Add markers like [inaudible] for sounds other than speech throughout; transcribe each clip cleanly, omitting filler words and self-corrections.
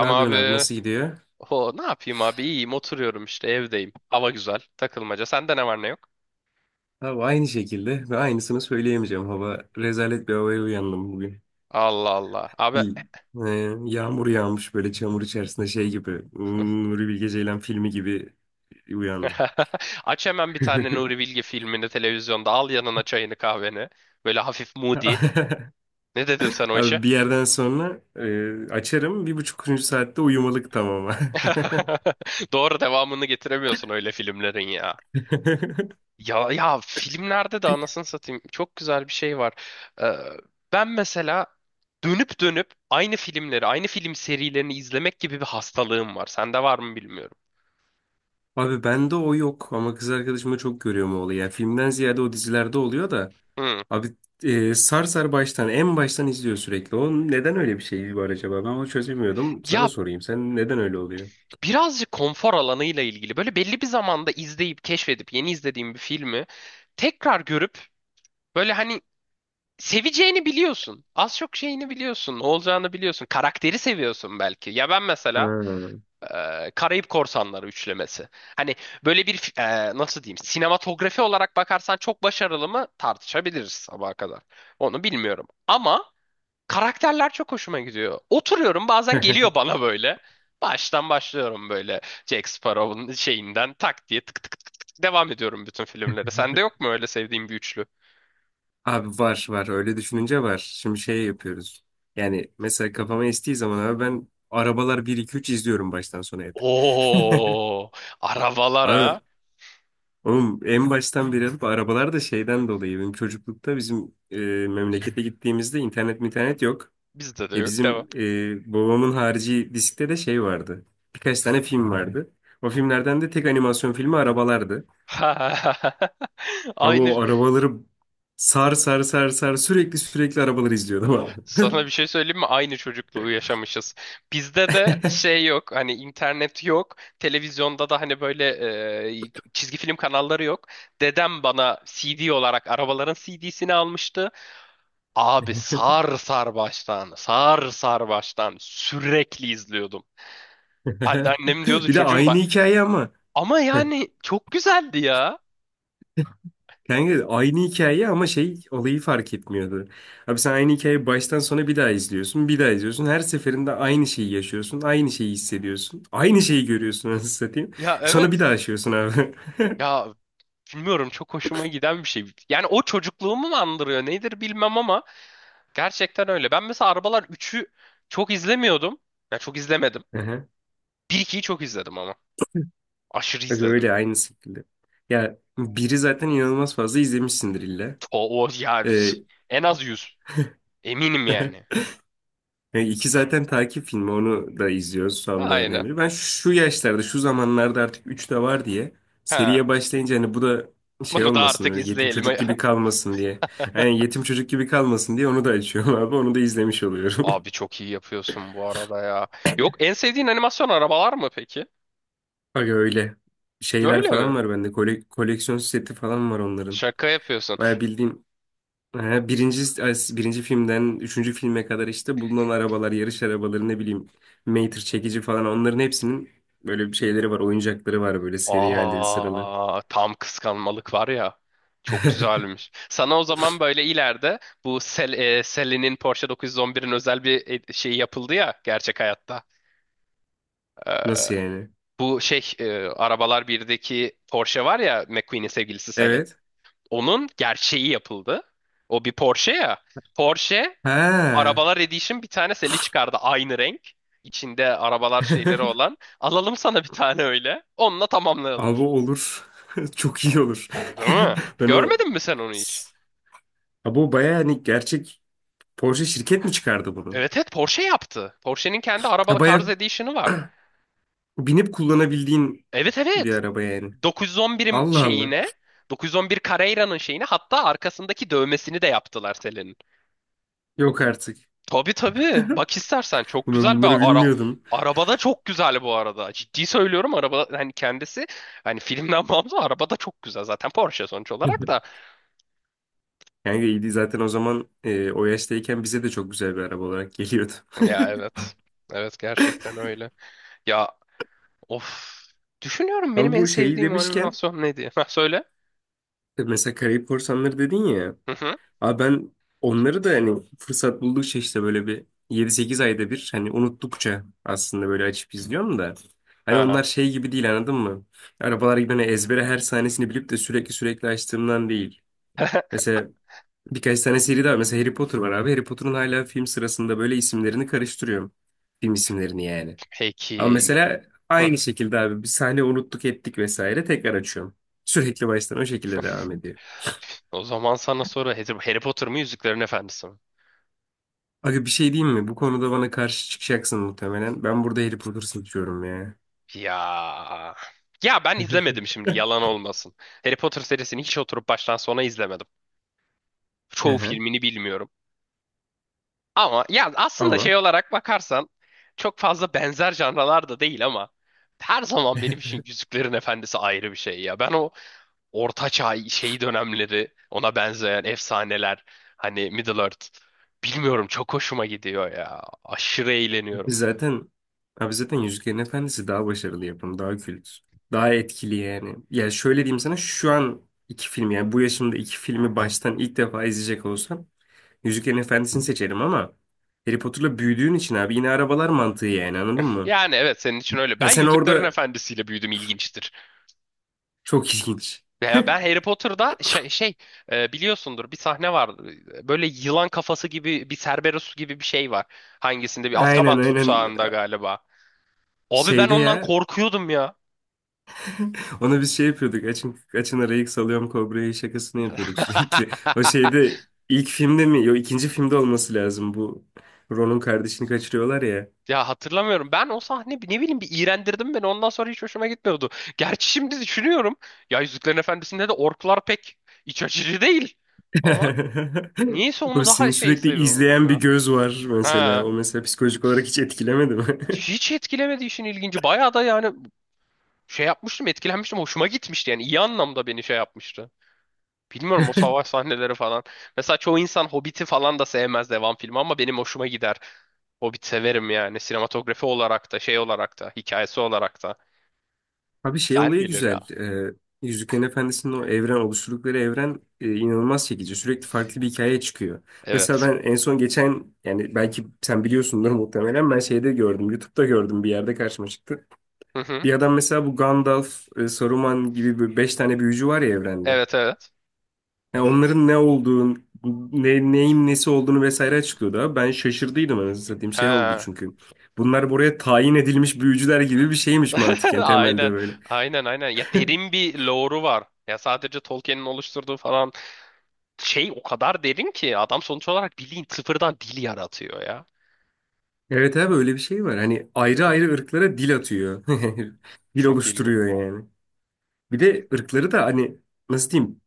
Ne yapıyorsun abi, abi. nasıl gidiyor? O ne yapayım abi? İyiyim, oturuyorum işte evdeyim. Hava güzel, takılmaca. Sende ne var ne yok? Abi aynı şekilde ve aynısını söyleyemeyeceğim. Hava rezalet, bir havaya uyandım bugün. Allah Allah. Abi, Y- e, Yağmur yağmış böyle çamur içerisinde şey gibi. Nuri Bilge Ceylan filmi gibi uyandım. [laughs] aç hemen bir tane [laughs] Nuri Bilge filmini televizyonda, al yanına çayını kahveni. Böyle hafif moody. Ne dedin sen o işe? Abi bir yerden sonra, açarım bir buçukuncu saatte uyumalık, tamam. [laughs] [laughs] Doğru, devamını getiremiyorsun öyle filmlerin ya. Ya ya, filmlerde de anasını satayım çok güzel bir şey var. Ee, ben mesela dönüp dönüp aynı filmleri, aynı film serilerini izlemek gibi bir hastalığım var. Sende var mı bilmiyorum. Abi bende o yok ama kız arkadaşımda çok görüyorum o olayı. Yani filmden ziyade o dizilerde oluyor da. Hı. Abi, sar sar en baştan izliyor sürekli. O neden, öyle bir şey var acaba? Ben onu çözemiyordum. Sana Ya, sorayım, sen neden öyle oluyor? birazcık konfor alanıyla ilgili, böyle belli bir zamanda izleyip keşfedip yeni izlediğim bir filmi tekrar görüp, böyle hani, seveceğini biliyorsun. Az çok şeyini biliyorsun, ne olacağını biliyorsun. Karakteri seviyorsun belki. Ya ben Ha. mesela Karayip Korsanları üçlemesi. Hani böyle bir, nasıl diyeyim, sinematografi olarak bakarsan çok başarılı mı tartışabiliriz sabaha kadar. Onu bilmiyorum. Ama karakterler çok hoşuma gidiyor. Oturuyorum, bazen geliyor [laughs] bana böyle. Baştan başlıyorum, böyle Jack Sparrow'un şeyinden tak diye tık tık tık tık tık devam ediyorum bütün filmlere. Sende yok mu öyle sevdiğin bir üçlü? Abi var var, öyle düşününce var. Şimdi şey yapıyoruz. Yani mesela kafama estiği zaman abi ben arabalar bir iki üç izliyorum baştan sona hep. Oo, Abi arabalara. oğlum, en baştan beri alıp arabalar da şeyden dolayı, benim çocuklukta bizim, memlekete gittiğimizde internet yok. Bizde de E yok, devam. bizim, babamın harici diskte de şey vardı. Birkaç tane film vardı. O filmlerden de tek animasyon filmi arabalardı. [laughs] Ama Aynı. o arabaları sar sar sar sar sürekli sürekli arabaları izliyordum abi. Sana bir şey söyleyeyim mi? Aynı çocukluğu yaşamışız. Bizde de şey yok. Hani internet yok. Televizyonda da hani böyle çizgi film kanalları yok. Dedem bana CD olarak arabaların CD'sini almıştı. Abi, sar sar baştan, sar sar baştan, sürekli izliyordum. Annem [laughs] diyordu Bir de çocuğum aynı bak. hikaye ama. Ama yani [laughs] çok güzeldi ya. Kanka aynı hikaye ama şey olayı fark etmiyordu. Abi sen aynı hikayeyi baştan sona bir daha izliyorsun, bir daha izliyorsun. Her seferinde aynı şeyi yaşıyorsun, aynı şeyi hissediyorsun. Aynı Ya şeyi görüyorsun anasını satayım. ya, Sonra bir evet. daha yaşıyorsun abi. Ya bilmiyorum, çok hoşuma giden bir şey. Yani o çocukluğumu mu andırıyor nedir bilmem ama, gerçekten öyle. Ben mesela Arabalar üçü çok izlemiyordum. Ya çok izlemedim. [laughs] Bir 2'yi çok izledim ama. Aşırı Bak izledim. öyle, aynı şekilde. Ya biri zaten inanılmaz fazla izlemişsindir illa. O ya Ee, yüz. En az 100, eminim yani. [laughs] yani iki zaten takip filmi, onu da izliyoruz Allah'ın Aynen. emri. Ben şu yaşlarda, şu zamanlarda artık 3 de var diye Ha. seriye başlayınca hani bu da şey Bunu da olmasın, artık öyle yetim izleyelim. çocuk gibi [laughs] kalmasın diye. Yani yetim çocuk gibi kalmasın diye onu da açıyorum abi, onu da izlemiş oluyorum. Abi [laughs] çok iyi yapıyorsun bu arada ya. Yok, en sevdiğin animasyon arabalar mı peki? Bak öyle şeyler Öyle falan mi? var bende, koleksiyon seti falan var onların. Şaka yapıyorsun. Baya bildiğin. Ha, birinci filmden üçüncü filme kadar işte bulunan arabalar, yarış arabaları, ne bileyim Mater, çekici, falan, onların hepsinin böyle bir şeyleri var, oyuncakları var, böyle seri halde sıralı. Aa, tam kıskanmalık var ya. Çok [laughs] güzelmiş. Sana o zaman böyle ileride bu Sally'nin Porsche 911'in özel bir şey yapıldı ya gerçek hayatta. Ee, Nasıl yani? bu şey Arabalar birdeki Porsche var ya, McQueen'in sevgilisi Sally. Evet. Onun gerçeği yapıldı. O bir Porsche ya. Porsche Ha. Arabalar Edition bir tane Sally çıkardı, aynı renk. İçinde arabalar [laughs] şeyleri olan. Alalım sana bir tane öyle. Onunla tamamlayalım. Abi olur. [laughs] Çok iyi Çok. olur. Değil mi? [laughs] Ben o Görmedin mi sen onu hiç? Abi o baya hani gerçek, Porsche şirket mi çıkardı bunu? Evet, evet, Porsche yaptı. Porsche'nin kendi Ha, araba Cars baya Edition'ı var. binip kullanabildiğin Evet, bir evet. araba yani. 911'in Allah Allah. şeyine, 911 Carrera'nın şeyine hatta arkasındaki dövmesini de yaptılar Selin'in. Yok artık. Tabii, tabii. Bak istersen çok Ben güzel bir bunları bilmiyordum. arabada, çok güzel bu arada. Ciddi söylüyorum, araba hani kendisi, hani filmden [laughs] bağımsız arabada çok güzel zaten, Porsche sonuç olarak [laughs] da. Kanka iyiydi zaten o zaman, o yaştayken bize de çok güzel bir araba olarak geliyordu. Ya evet. Evet, gerçekten öyle. Ya, of. Düşünüyorum [laughs] benim Ama en bu şeyi sevdiğim demişken, animasyon ne diye. [laughs] Ha, söyle. Mesela Karayip Korsanları dedin ya. Hı hı. Abi ben onları da hani fırsat buldukça işte böyle bir 7-8 ayda bir, hani unuttukça aslında, böyle açıp izliyorum da. Hani Ha. onlar şey gibi değil, anladın mı? Arabalar gibi hani ezbere her sahnesini bilip de sürekli sürekli açtığımdan değil. [laughs] Mesela birkaç tane seri daha var. Mesela Harry Potter var abi. Harry Potter'ın hala film sırasında böyle isimlerini karıştırıyorum. Film isimlerini yani. Ama Peki. mesela Hı. aynı şekilde abi, bir sahne unuttuk ettik vesaire, tekrar açıyorum. Sürekli baştan o şekilde devam ediyor. O zaman sana soru, Harry Potter mı, Yüzüklerin Efendisi mi? Aga bir şey diyeyim mi? Bu konuda bana karşı çıkacaksın muhtemelen. Ben burada Harry Potter seçiyorum ya. Ya. Ya ben izlemedim şimdi, yalan olmasın. Harry Potter serisini hiç oturup baştan sona izlemedim. Hı Çoğu hı. filmini bilmiyorum. Ama ya aslında Ama şey olarak bakarsan, çok fazla benzer janralar da değil ama her zaman benim için Yüzüklerin Efendisi ayrı bir şey ya. Ben o Ortaçağ şey dönemleri, ona benzeyen efsaneler, hani Middle Earth, bilmiyorum, çok hoşuma gidiyor ya. Aşırı biz eğleniyorum. zaten abi zaten Yüzüklerin Efendisi daha başarılı yapım, daha kült, daha etkili yani. Ya şöyle diyeyim sana, şu an iki film, yani bu yaşımda iki filmi baştan ilk defa izleyecek olsam Yüzüklerin Efendisi'ni seçerim ama Harry Potter'la büyüdüğün için abi, yine arabalar mantığı yani, anladın mı? Yani evet, senin için öyle. Ha Ben sen Yüzüklerin orada Efendisi'yle büyüdüm, ilginçtir. Çok ilginç. Ya ben Harry Potter'da şey biliyorsundur, bir sahne var. Böyle yılan kafası gibi, bir Cerberus gibi bir şey var. Hangisinde, bir Azkaban Aynen aynen, tutsağında galiba. Abi ben şeyde ondan ya, korkuyordum ya. ona biz şey yapıyorduk, açın açın arayı salıyorum kobrayı şakasını yapıyorduk sürekli. O [laughs] şeyde, ilk filmde mi yok ikinci filmde olması lazım bu, Ron'un kardeşini kaçırıyorlar ya. Ya hatırlamıyorum. Ben o sahne ne bileyim, bir iğrendirdim beni. Ondan sonra hiç hoşuma gitmiyordu. Gerçi şimdi düşünüyorum, ya Yüzüklerin Efendisi'nde de orklar pek iç açıcı değil. Ama [laughs] niyeyse O onu daha seni şey sürekli seviyordum izleyen bir ya. göz var mesela, Ha. o mesela psikolojik olarak hiç etkilemedi mi? [laughs] Hiç etkilemedi işin ilginci. Bayağı da yani şey yapmıştım, etkilenmiştim. Hoşuma gitmişti yani. İyi anlamda beni şey yapmıştı. Bilmiyorum, o savaş sahneleri falan. Mesela çoğu insan Hobbit'i falan da sevmez, devam filmi, ama benim hoşuma gider. Hobbit severim yani. Sinematografi olarak da, şey olarak da, hikayesi olarak da. Abi şey Güzel olayı gelir ya. güzel. Yüzüklerin Efendisi'nin o evren, oluşturdukları evren, inanılmaz çekici. Sürekli farklı bir hikaye çıkıyor. Mesela Evet. ben en son geçen, yani belki sen biliyorsundur muhtemelen, ben şeyde gördüm. YouTube'da gördüm, bir yerde karşıma çıktı. Hı hı. Bir adam mesela bu Gandalf, Saruman gibi böyle beş tane büyücü var ya evrende. Evet, evet. Yani onların ne olduğunu, neyin nesi olduğunu vesaire açıklıyordu abi. Ben şaşırdıydım anasını satayım, şey oldu Ha. çünkü. Bunlar buraya tayin edilmiş büyücüler gibi bir şeymiş [laughs] mantıken, temelde Aynen. böyle. Aynen, aynen. Ya [laughs] derin bir lore'u var. Ya sadece Tolkien'in oluşturduğu falan şey o kadar derin ki, adam sonuç olarak bildiğin sıfırdan dil yaratıyor ya. Evet abi, öyle bir şey var. Hani Hı ayrı hı. ayrı ırklara dil atıyor. [laughs] Dil Çok ilginç. oluşturuyor yani. Bir de ırkları da hani nasıl diyeyim,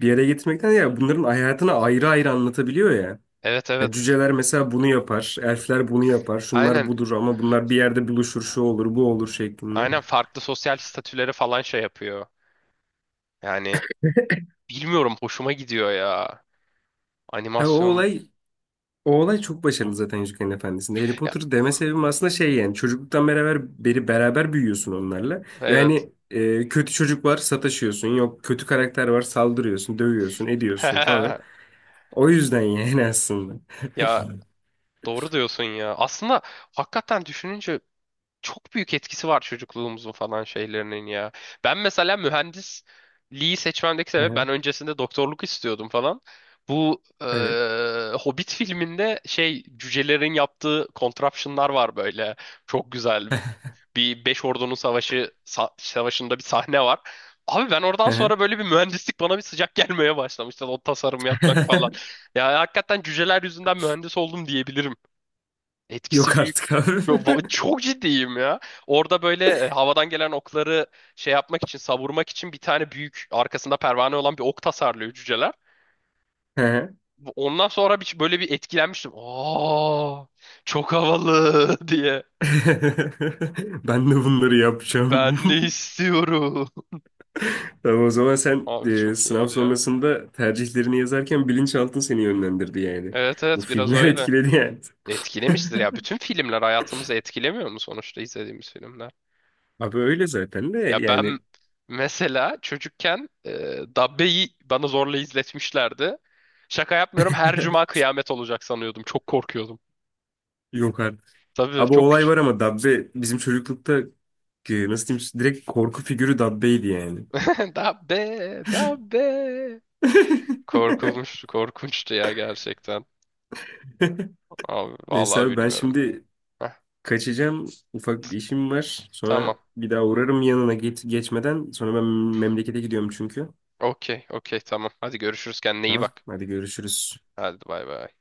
bir yere getirmekten ya bunların hayatını ayrı ayrı anlatabiliyor ya. Evet, Ha, evet. cüceler mesela bunu yapar. Elfler bunu yapar. Şunlar Aynen. budur ama bunlar bir yerde buluşur. Şu olur bu olur şeklinde. Aynen, farklı sosyal statüleri falan şey yapıyor. Yani bilmiyorum, hoşuma gidiyor ya. Abi o Animasyon. olay O olay çok başarılı zaten Yüzüklerin Efendisi'nde. Harry Ya, Potter deme sebebim aslında şey, yani çocukluktan beri beraber büyüyorsun onlarla. Ve evet. hani, kötü çocuk var sataşıyorsun. Yok kötü karakter var, saldırıyorsun, dövüyorsun, ediyorsun falan. [laughs] O yüzden yani [laughs] aslında. Ya doğru diyorsun ya. Aslında hakikaten düşününce, çok büyük etkisi var çocukluğumuzun falan şeylerinin ya. Ben mesela mühendisliği seçmemdeki Hı sebep, hı. ben öncesinde doktorluk istiyordum falan. Bu Evet. Hobbit filminde şey, cücelerin yaptığı contraption'lar var böyle. Çok güzel. Bir Beş Ordu'nun savaşı savaşında bir sahne var. Abi ben oradan Hı hı. sonra, böyle bir mühendislik bana bir sıcak [laughs] gelmeye başlamıştı. O tasarım yapmak falan. [laughs] Ya hakikaten cüceler yüzünden mühendis oldum diyebilirim. Etkisi Yok büyük. artık abi. Çok, [laughs] çok ciddiyim ya. Orada böyle havadan gelen okları şey yapmak için, savurmak için bir tane büyük, arkasında pervane olan bir ok tasarlıyor cüceler. Hı hı. Ondan sonra bir, böyle bir etkilenmiştim. Aa, çok havalı [laughs] diye. [laughs] Ben de bunları Ben yapacağım. ne [laughs] istiyorum? Tamam o zaman [laughs] sen, Abi çok sınav iyiydi ya. sonrasında tercihlerini yazarken bilinçaltın seni yönlendirdi yani. Evet, Bu evet, biraz filmler [laughs] öyle. etkiledi yani. [laughs] Etkilemiştir ya. Bütün filmler hayatımızı etkilemiyor mu, sonuçta izlediğimiz filmler? Abi öyle zaten de Ya ben yani. mesela çocukken Dabbe'yi bana zorla izletmişlerdi. Şaka yapmıyorum, her cuma [laughs] kıyamet olacak sanıyordum. Çok korkuyordum. Yok artık. Tabii, Abi o çok olay küçük. var ama Dabbe bizim çocuklukta, nasıl diyeyim direkt korku figürü Dabbe'ydi yani. [laughs] Dabbe, Dabbe. [laughs] Korkulmuştu, korkunçtu ya gerçekten. Abi, Neyse vallahi abi, ben bilmiyorum. şimdi Heh, kaçacağım. Ufak bir işim var. Sonra tamam. bir daha uğrarım yanına, geçmeden. Sonra ben memlekete gidiyorum çünkü. Okey, okey, tamam. Hadi görüşürüz. Kendine iyi Tamam, bak. hadi görüşürüz. Hadi, bay bay.